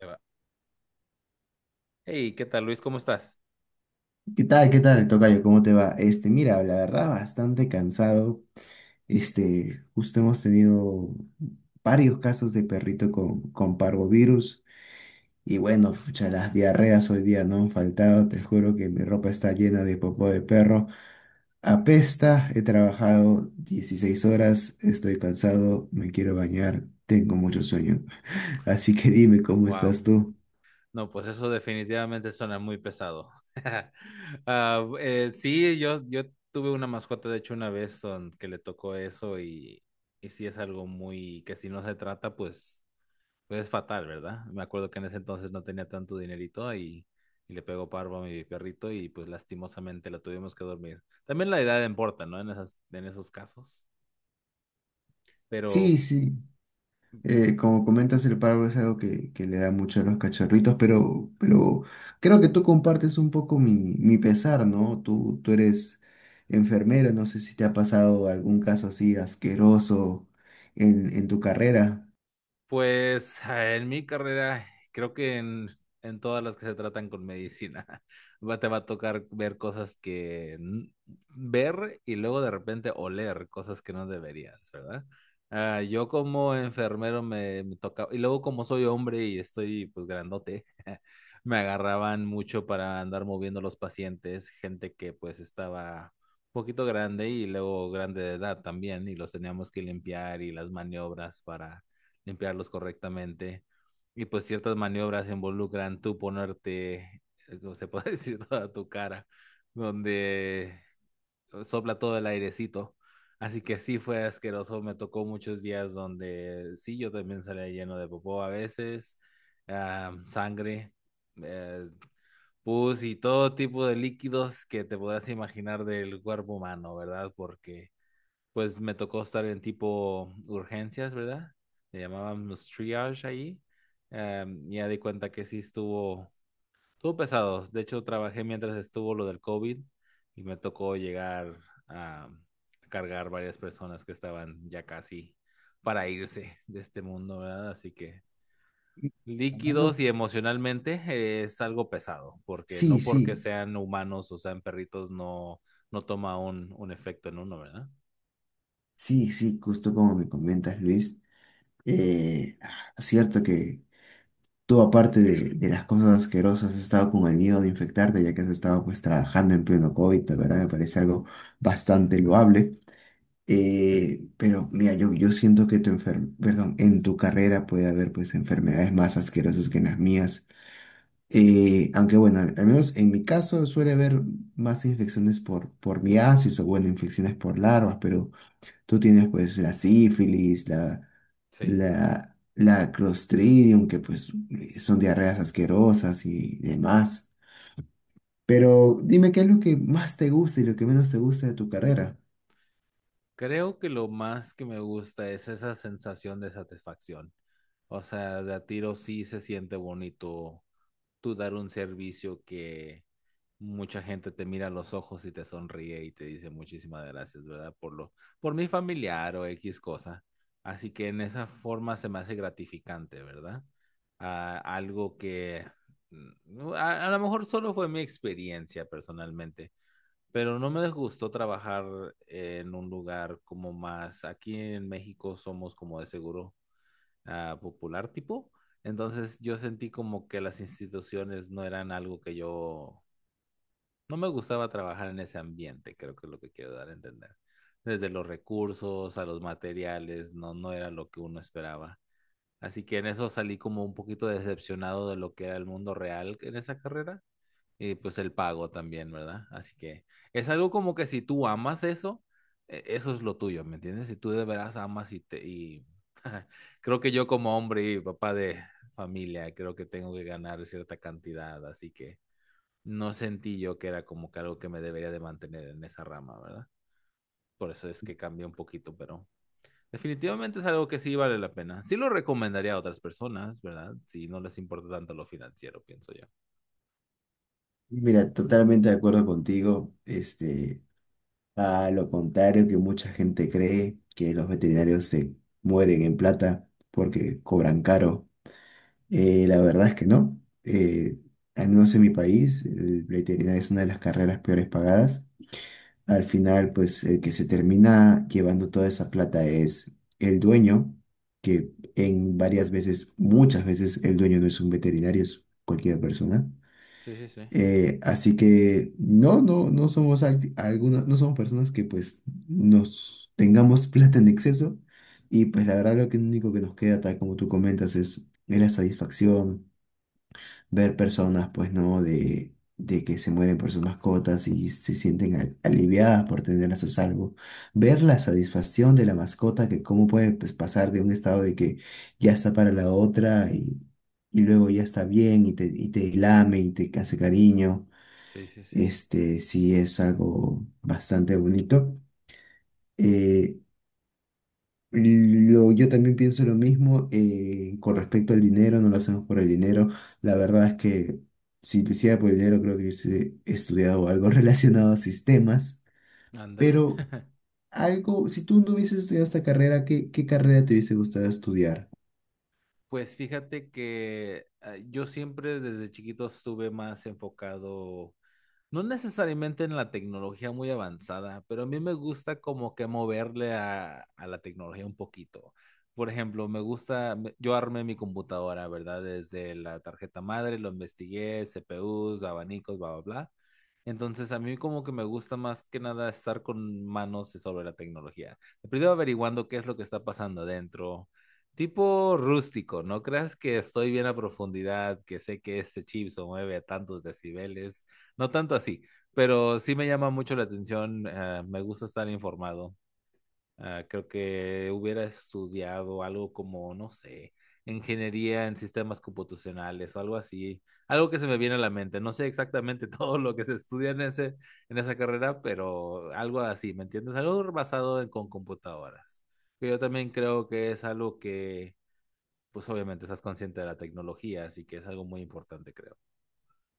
Ahí va. Hey, ¿qué tal Luis? ¿Cómo estás? ¿Qué tal? ¿Qué tal, tocayo? ¿Cómo te va? Este, mira, la verdad, bastante cansado. Este, justo hemos tenido varios casos de perrito con parvovirus. Y bueno, pucha, las diarreas hoy día no han faltado. Te juro que mi ropa está llena de popó de perro. Apesta, he trabajado 16 horas, estoy cansado, me quiero bañar, tengo mucho sueño. Así que dime, ¿cómo Wow. estás tú? No, pues eso definitivamente suena muy pesado. Ah, sí, yo tuve una mascota, de hecho, una vez que le tocó eso y sí es algo muy que si no se trata, pues es fatal, ¿verdad? Me acuerdo que en ese entonces no tenía tanto dinerito y le pegó parvo a mi perrito y pues lastimosamente la tuvimos que dormir. También la edad importa, ¿no? En esos casos. Pero. Sí, sí. Como comentas, el paro es algo que le da mucho a los cachorritos, pero creo que tú compartes un poco mi pesar, ¿no? Tú eres enfermera, no sé si te ha pasado algún caso así asqueroso en tu carrera. Pues en mi carrera, creo que en todas las que se tratan con medicina, te va a tocar ver cosas que ver y luego de repente oler cosas que no deberías, ¿verdad? Ah, yo como enfermero me tocaba, y luego como soy hombre y estoy pues grandote, me agarraban mucho para andar moviendo los pacientes, gente que pues estaba un poquito grande y luego grande de edad también, y los teníamos que limpiar y las maniobras para limpiarlos correctamente. Y pues ciertas maniobras involucran tú ponerte, como se puede decir, toda tu cara, donde sopla todo el airecito. Así que sí fue asqueroso, me tocó muchos días donde sí, yo también salía lleno de popó a veces, sangre, uh, pus y todo tipo de líquidos que te podrás imaginar del cuerpo humano, ¿verdad? Porque pues me tocó estar en tipo urgencias, ¿verdad? Le llamábamos triage ahí. Ya di cuenta que sí estuvo pesado. De hecho, trabajé mientras estuvo lo del COVID y me tocó llegar a cargar varias personas que estaban ya casi para irse de este mundo, ¿verdad? Así que Y líquidos hablando- y emocionalmente es algo pesado, porque Sí, no porque sí, sean humanos o sean perritos no, no toma un efecto en uno, ¿verdad? sí, sí, justo como me comentas, Luis. Cierto. Tú, aparte de las cosas asquerosas, has estado con el miedo de infectarte, ya que has estado pues trabajando en pleno COVID, la verdad me parece algo bastante loable. Pero mira, yo siento que perdón, en tu carrera puede haber pues enfermedades más asquerosas que en las mías. Aunque bueno, al menos en mi caso suele haber más infecciones por miasis o bueno, infecciones por larvas, pero tú tienes pues la sífilis, la Sí. la, la Clostridium, que pues son diarreas asquerosas y demás. Pero dime qué es lo que más te gusta y lo que menos te gusta de tu carrera. Creo que lo más que me gusta es esa sensación de satisfacción. O sea, de a tiro sí se siente bonito tú dar un servicio que mucha gente te mira a los ojos y te sonríe y te dice muchísimas gracias, ¿verdad? Por mi familiar o X cosa. Así que en esa forma se me hace gratificante, ¿verdad? Ah, algo que lo mejor solo fue mi experiencia personalmente, pero no me disgustó trabajar en un lugar como más, aquí en México somos como de seguro popular tipo. Entonces yo sentí como que las instituciones no eran algo que no me gustaba trabajar en ese ambiente, creo que es lo que quiero dar a entender. Desde los recursos a los materiales, no, no era lo que uno esperaba. Así que en eso salí como un poquito decepcionado de lo que era el mundo real en esa carrera y pues el pago también, ¿verdad? Así que es algo como que si tú amas eso, eso es lo tuyo, ¿me entiendes? Si tú de veras amas y, te, y creo que yo como hombre y papá de familia, creo que tengo que ganar cierta cantidad, así que no sentí yo que era como que algo que me debería de mantener en esa rama, ¿verdad? Por eso es que cambié un poquito, pero definitivamente es algo que sí vale la pena. Sí lo recomendaría a otras personas, ¿verdad? Si no les importa tanto lo financiero, pienso yo. Mira, totalmente de acuerdo contigo. Este, a lo contrario que mucha gente cree que los veterinarios se mueren en plata porque cobran caro. La verdad es que no. Al menos en mi país, el veterinario es una de las carreras peores pagadas. Al final, pues el que se termina llevando toda esa plata es el dueño, que en varias veces, muchas veces, el dueño no es un veterinario, es cualquier persona. Sí, sí, sí. Así que no somos no somos personas que pues nos tengamos plata en exceso. Y pues la verdad lo que único que nos queda, tal como tú comentas, es la satisfacción ver personas, pues, ¿no? De que se mueren por sus mascotas y se sienten aliviadas por tenerlas a salvo. Ver la satisfacción de la mascota, que cómo puede, pues, pasar de un estado de que ya está para la otra y luego ya está bien y te lame y te hace cariño. Sí, sí, sí. Este sí es algo bastante bonito. Eh, yo también pienso lo mismo con respecto al dinero, no lo hacemos por el dinero. La verdad es que si lo hiciera por el dinero, creo que hubiese estudiado algo relacionado a sistemas, Ándale. pero algo, si tú no hubieses estudiado esta carrera, ¿qué carrera te hubiese gustado estudiar? Pues fíjate que yo siempre desde chiquito estuve más enfocado, no necesariamente en la tecnología muy avanzada, pero a mí me gusta como que moverle a la tecnología un poquito. Por ejemplo, me gusta, yo armé mi computadora, ¿verdad? Desde la tarjeta madre, lo investigué, CPUs, abanicos, bla, bla, bla. Entonces, a mí como que me gusta más que nada estar con manos sobre la tecnología. Primero averiguando qué es lo que está pasando adentro. Tipo rústico, no creas que estoy bien a profundidad, que sé que este chip se mueve a tantos decibeles, no tanto así, pero sí me llama mucho la atención, me gusta estar informado. Ah, creo que hubiera estudiado algo como, no sé, ingeniería en sistemas computacionales o algo así, algo que se me viene a la mente. No sé exactamente todo lo que se estudia en esa carrera, pero algo así, ¿me entiendes? Algo basado con computadoras. Que yo también creo que es algo que, pues obviamente estás consciente de la tecnología, así que es algo muy importante, creo.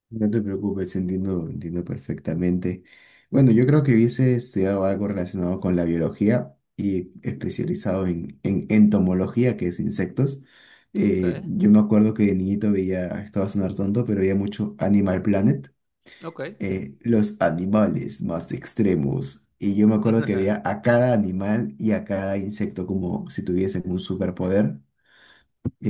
No te preocupes, entiendo, entiendo perfectamente. Bueno, yo creo que hubiese estudiado algo relacionado con la biología y especializado en entomología, que es insectos. Ok, Yo me acuerdo que de niñito veía, esto va a sonar tonto, pero veía mucho Animal Planet, ok. Los animales más extremos. Y yo me acuerdo que veía a cada animal y a cada insecto como si tuviesen un superpoder.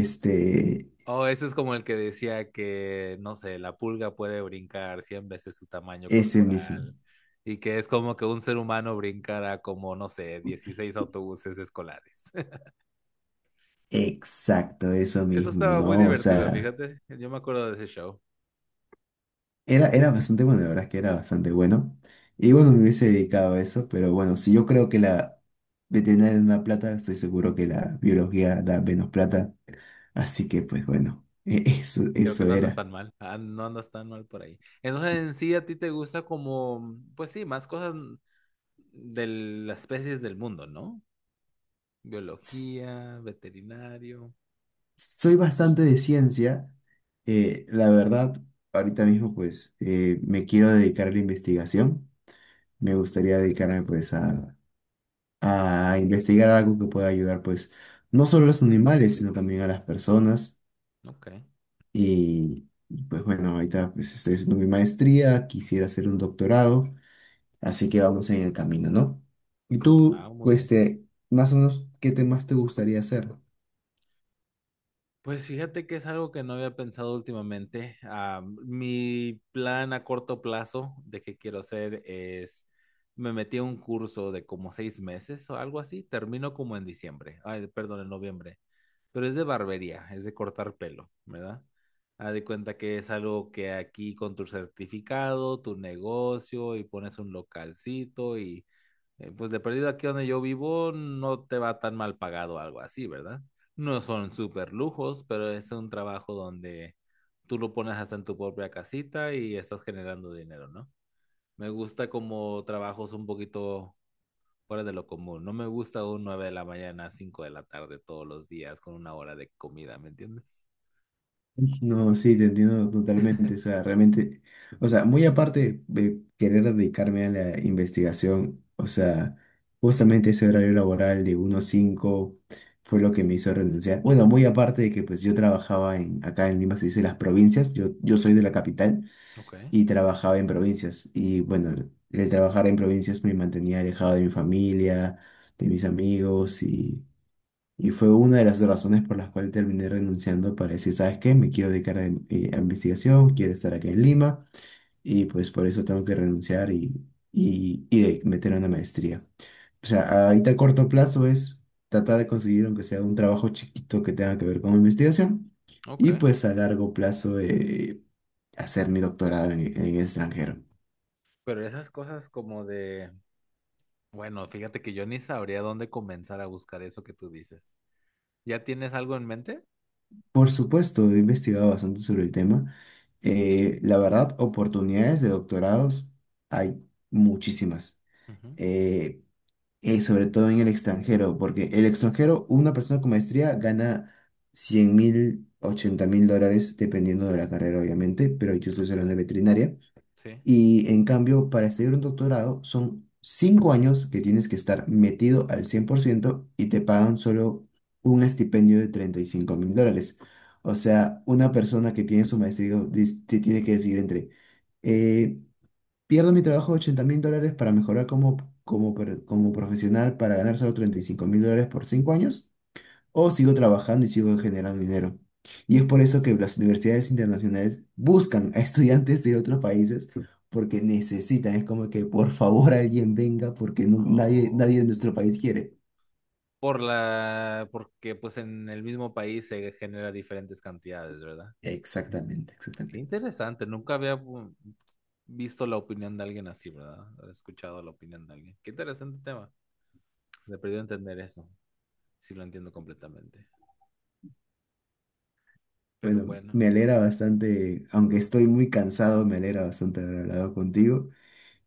Este, Oh, ese es como el que decía que, no sé, la pulga puede brincar 100 veces su tamaño ese mismo. corporal y que es como que un ser humano brincara como, no sé, 16 autobuses escolares. Exacto, eso Eso mismo, estaba muy ¿no? O divertido, sea. fíjate. Yo me acuerdo de ese show. Era bastante bueno, la verdad es que era bastante bueno. Y bueno, me hubiese dedicado a eso, pero bueno, si yo creo que la veterinaria da más plata, estoy seguro que la biología da menos plata. Así que pues bueno, eso, Creo que eso no andas era. tan mal. Ah, no andas tan mal por ahí. Entonces, en sí, a ti te gusta como, pues sí, más cosas de las especies del mundo, ¿no? Biología, veterinario. Soy bastante de ciencia. La verdad, ahorita mismo pues me quiero dedicar a la investigación. Me gustaría dedicarme pues a investigar algo que pueda ayudar pues no solo a los animales, sino también a las personas. Ok. Y y pues bueno, ahorita pues estoy haciendo mi maestría, quisiera hacer un doctorado, así que vamos en el camino, ¿no? Y Ah, tú, muy pues, bien. este, más o menos, ¿qué temas te gustaría hacer? Pues fíjate que es algo que no había pensado últimamente. Ah, mi plan a corto plazo de qué quiero hacer es, me metí a un curso de como 6 meses o algo así, termino como en diciembre, ay, perdón, en noviembre, pero es de barbería, es de cortar pelo, ¿verdad? Haz de cuenta que es algo que aquí con tu certificado, tu negocio y pones un localcito y pues de perdido aquí donde yo vivo no te va tan mal pagado algo así, ¿verdad? No son súper lujos, pero es un trabajo donde tú lo pones hasta en tu propia casita y estás generando dinero, ¿no? Me gusta como trabajos un poquito fuera de lo común. No me gusta un 9 de la mañana a 5 de la tarde todos los días con una hora de comida, ¿me entiendes? No, sí, te entiendo totalmente. O sea, realmente, o sea, muy aparte de querer dedicarme a la investigación, o sea, justamente ese horario laboral de uno a 5 fue lo que me hizo renunciar. Bueno, muy aparte de que pues yo trabajaba acá en Lima, se dice las provincias, yo soy de la capital, Ok, y trabajaba en provincias. Y bueno, el trabajar en provincias me mantenía alejado de mi familia, de mis amigos y fue una de las razones por las cuales terminé renunciando para decir, ¿sabes qué? Me quiero dedicar a investigación, quiero estar acá en Lima y pues por eso tengo que renunciar y meter una maestría. O sea, ahorita a corto plazo es tratar de conseguir, aunque sea un trabajo chiquito que tenga que ver con investigación, ok. y pues a largo plazo hacer mi doctorado en el extranjero. Pero esas cosas como de, bueno, fíjate que yo ni sabría dónde comenzar a buscar eso que tú dices. ¿Ya tienes algo en mente? Por supuesto, he investigado bastante sobre el tema. La verdad, oportunidades de doctorados hay muchísimas. Ujú. Eh, Sobre todo en el extranjero, porque el extranjero, una persona con maestría gana 100.000, $80.000, dependiendo de la carrera, obviamente, pero yo estoy Ok, hablando de veterinaria. sí. Y en cambio, para estudiar un doctorado son 5 años que tienes que estar metido al 100% y te pagan solo un estipendio de $35.000. O sea, una persona que tiene su maestría te tiene que decidir entre, eh, pierdo mi trabajo de 80 mil dólares para mejorar como profesional para ganar solo $35.000 por 5 años o sigo trabajando y sigo generando dinero. Y es por eso que las universidades internacionales buscan a estudiantes de otros países porque necesitan, es como que por favor alguien venga porque nadie, nadie Oh. de nuestro país quiere. Porque pues en el mismo país se genera diferentes cantidades, ¿verdad? Exactamente, Qué exactamente. interesante, nunca había visto la opinión de alguien así, ¿verdad? He escuchado la opinión de alguien. Qué interesante tema. Me perdí entender eso. Sí lo entiendo completamente. Pero Bueno, bueno, me alegra bastante, aunque estoy muy cansado, me alegra bastante haber hablado contigo.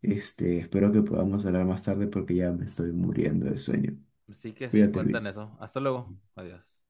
Este, espero que podamos hablar más tarde porque ya me estoy muriendo de sueño. sí que sí, Cuídate, cuentan Luis. eso. Hasta luego. Adiós.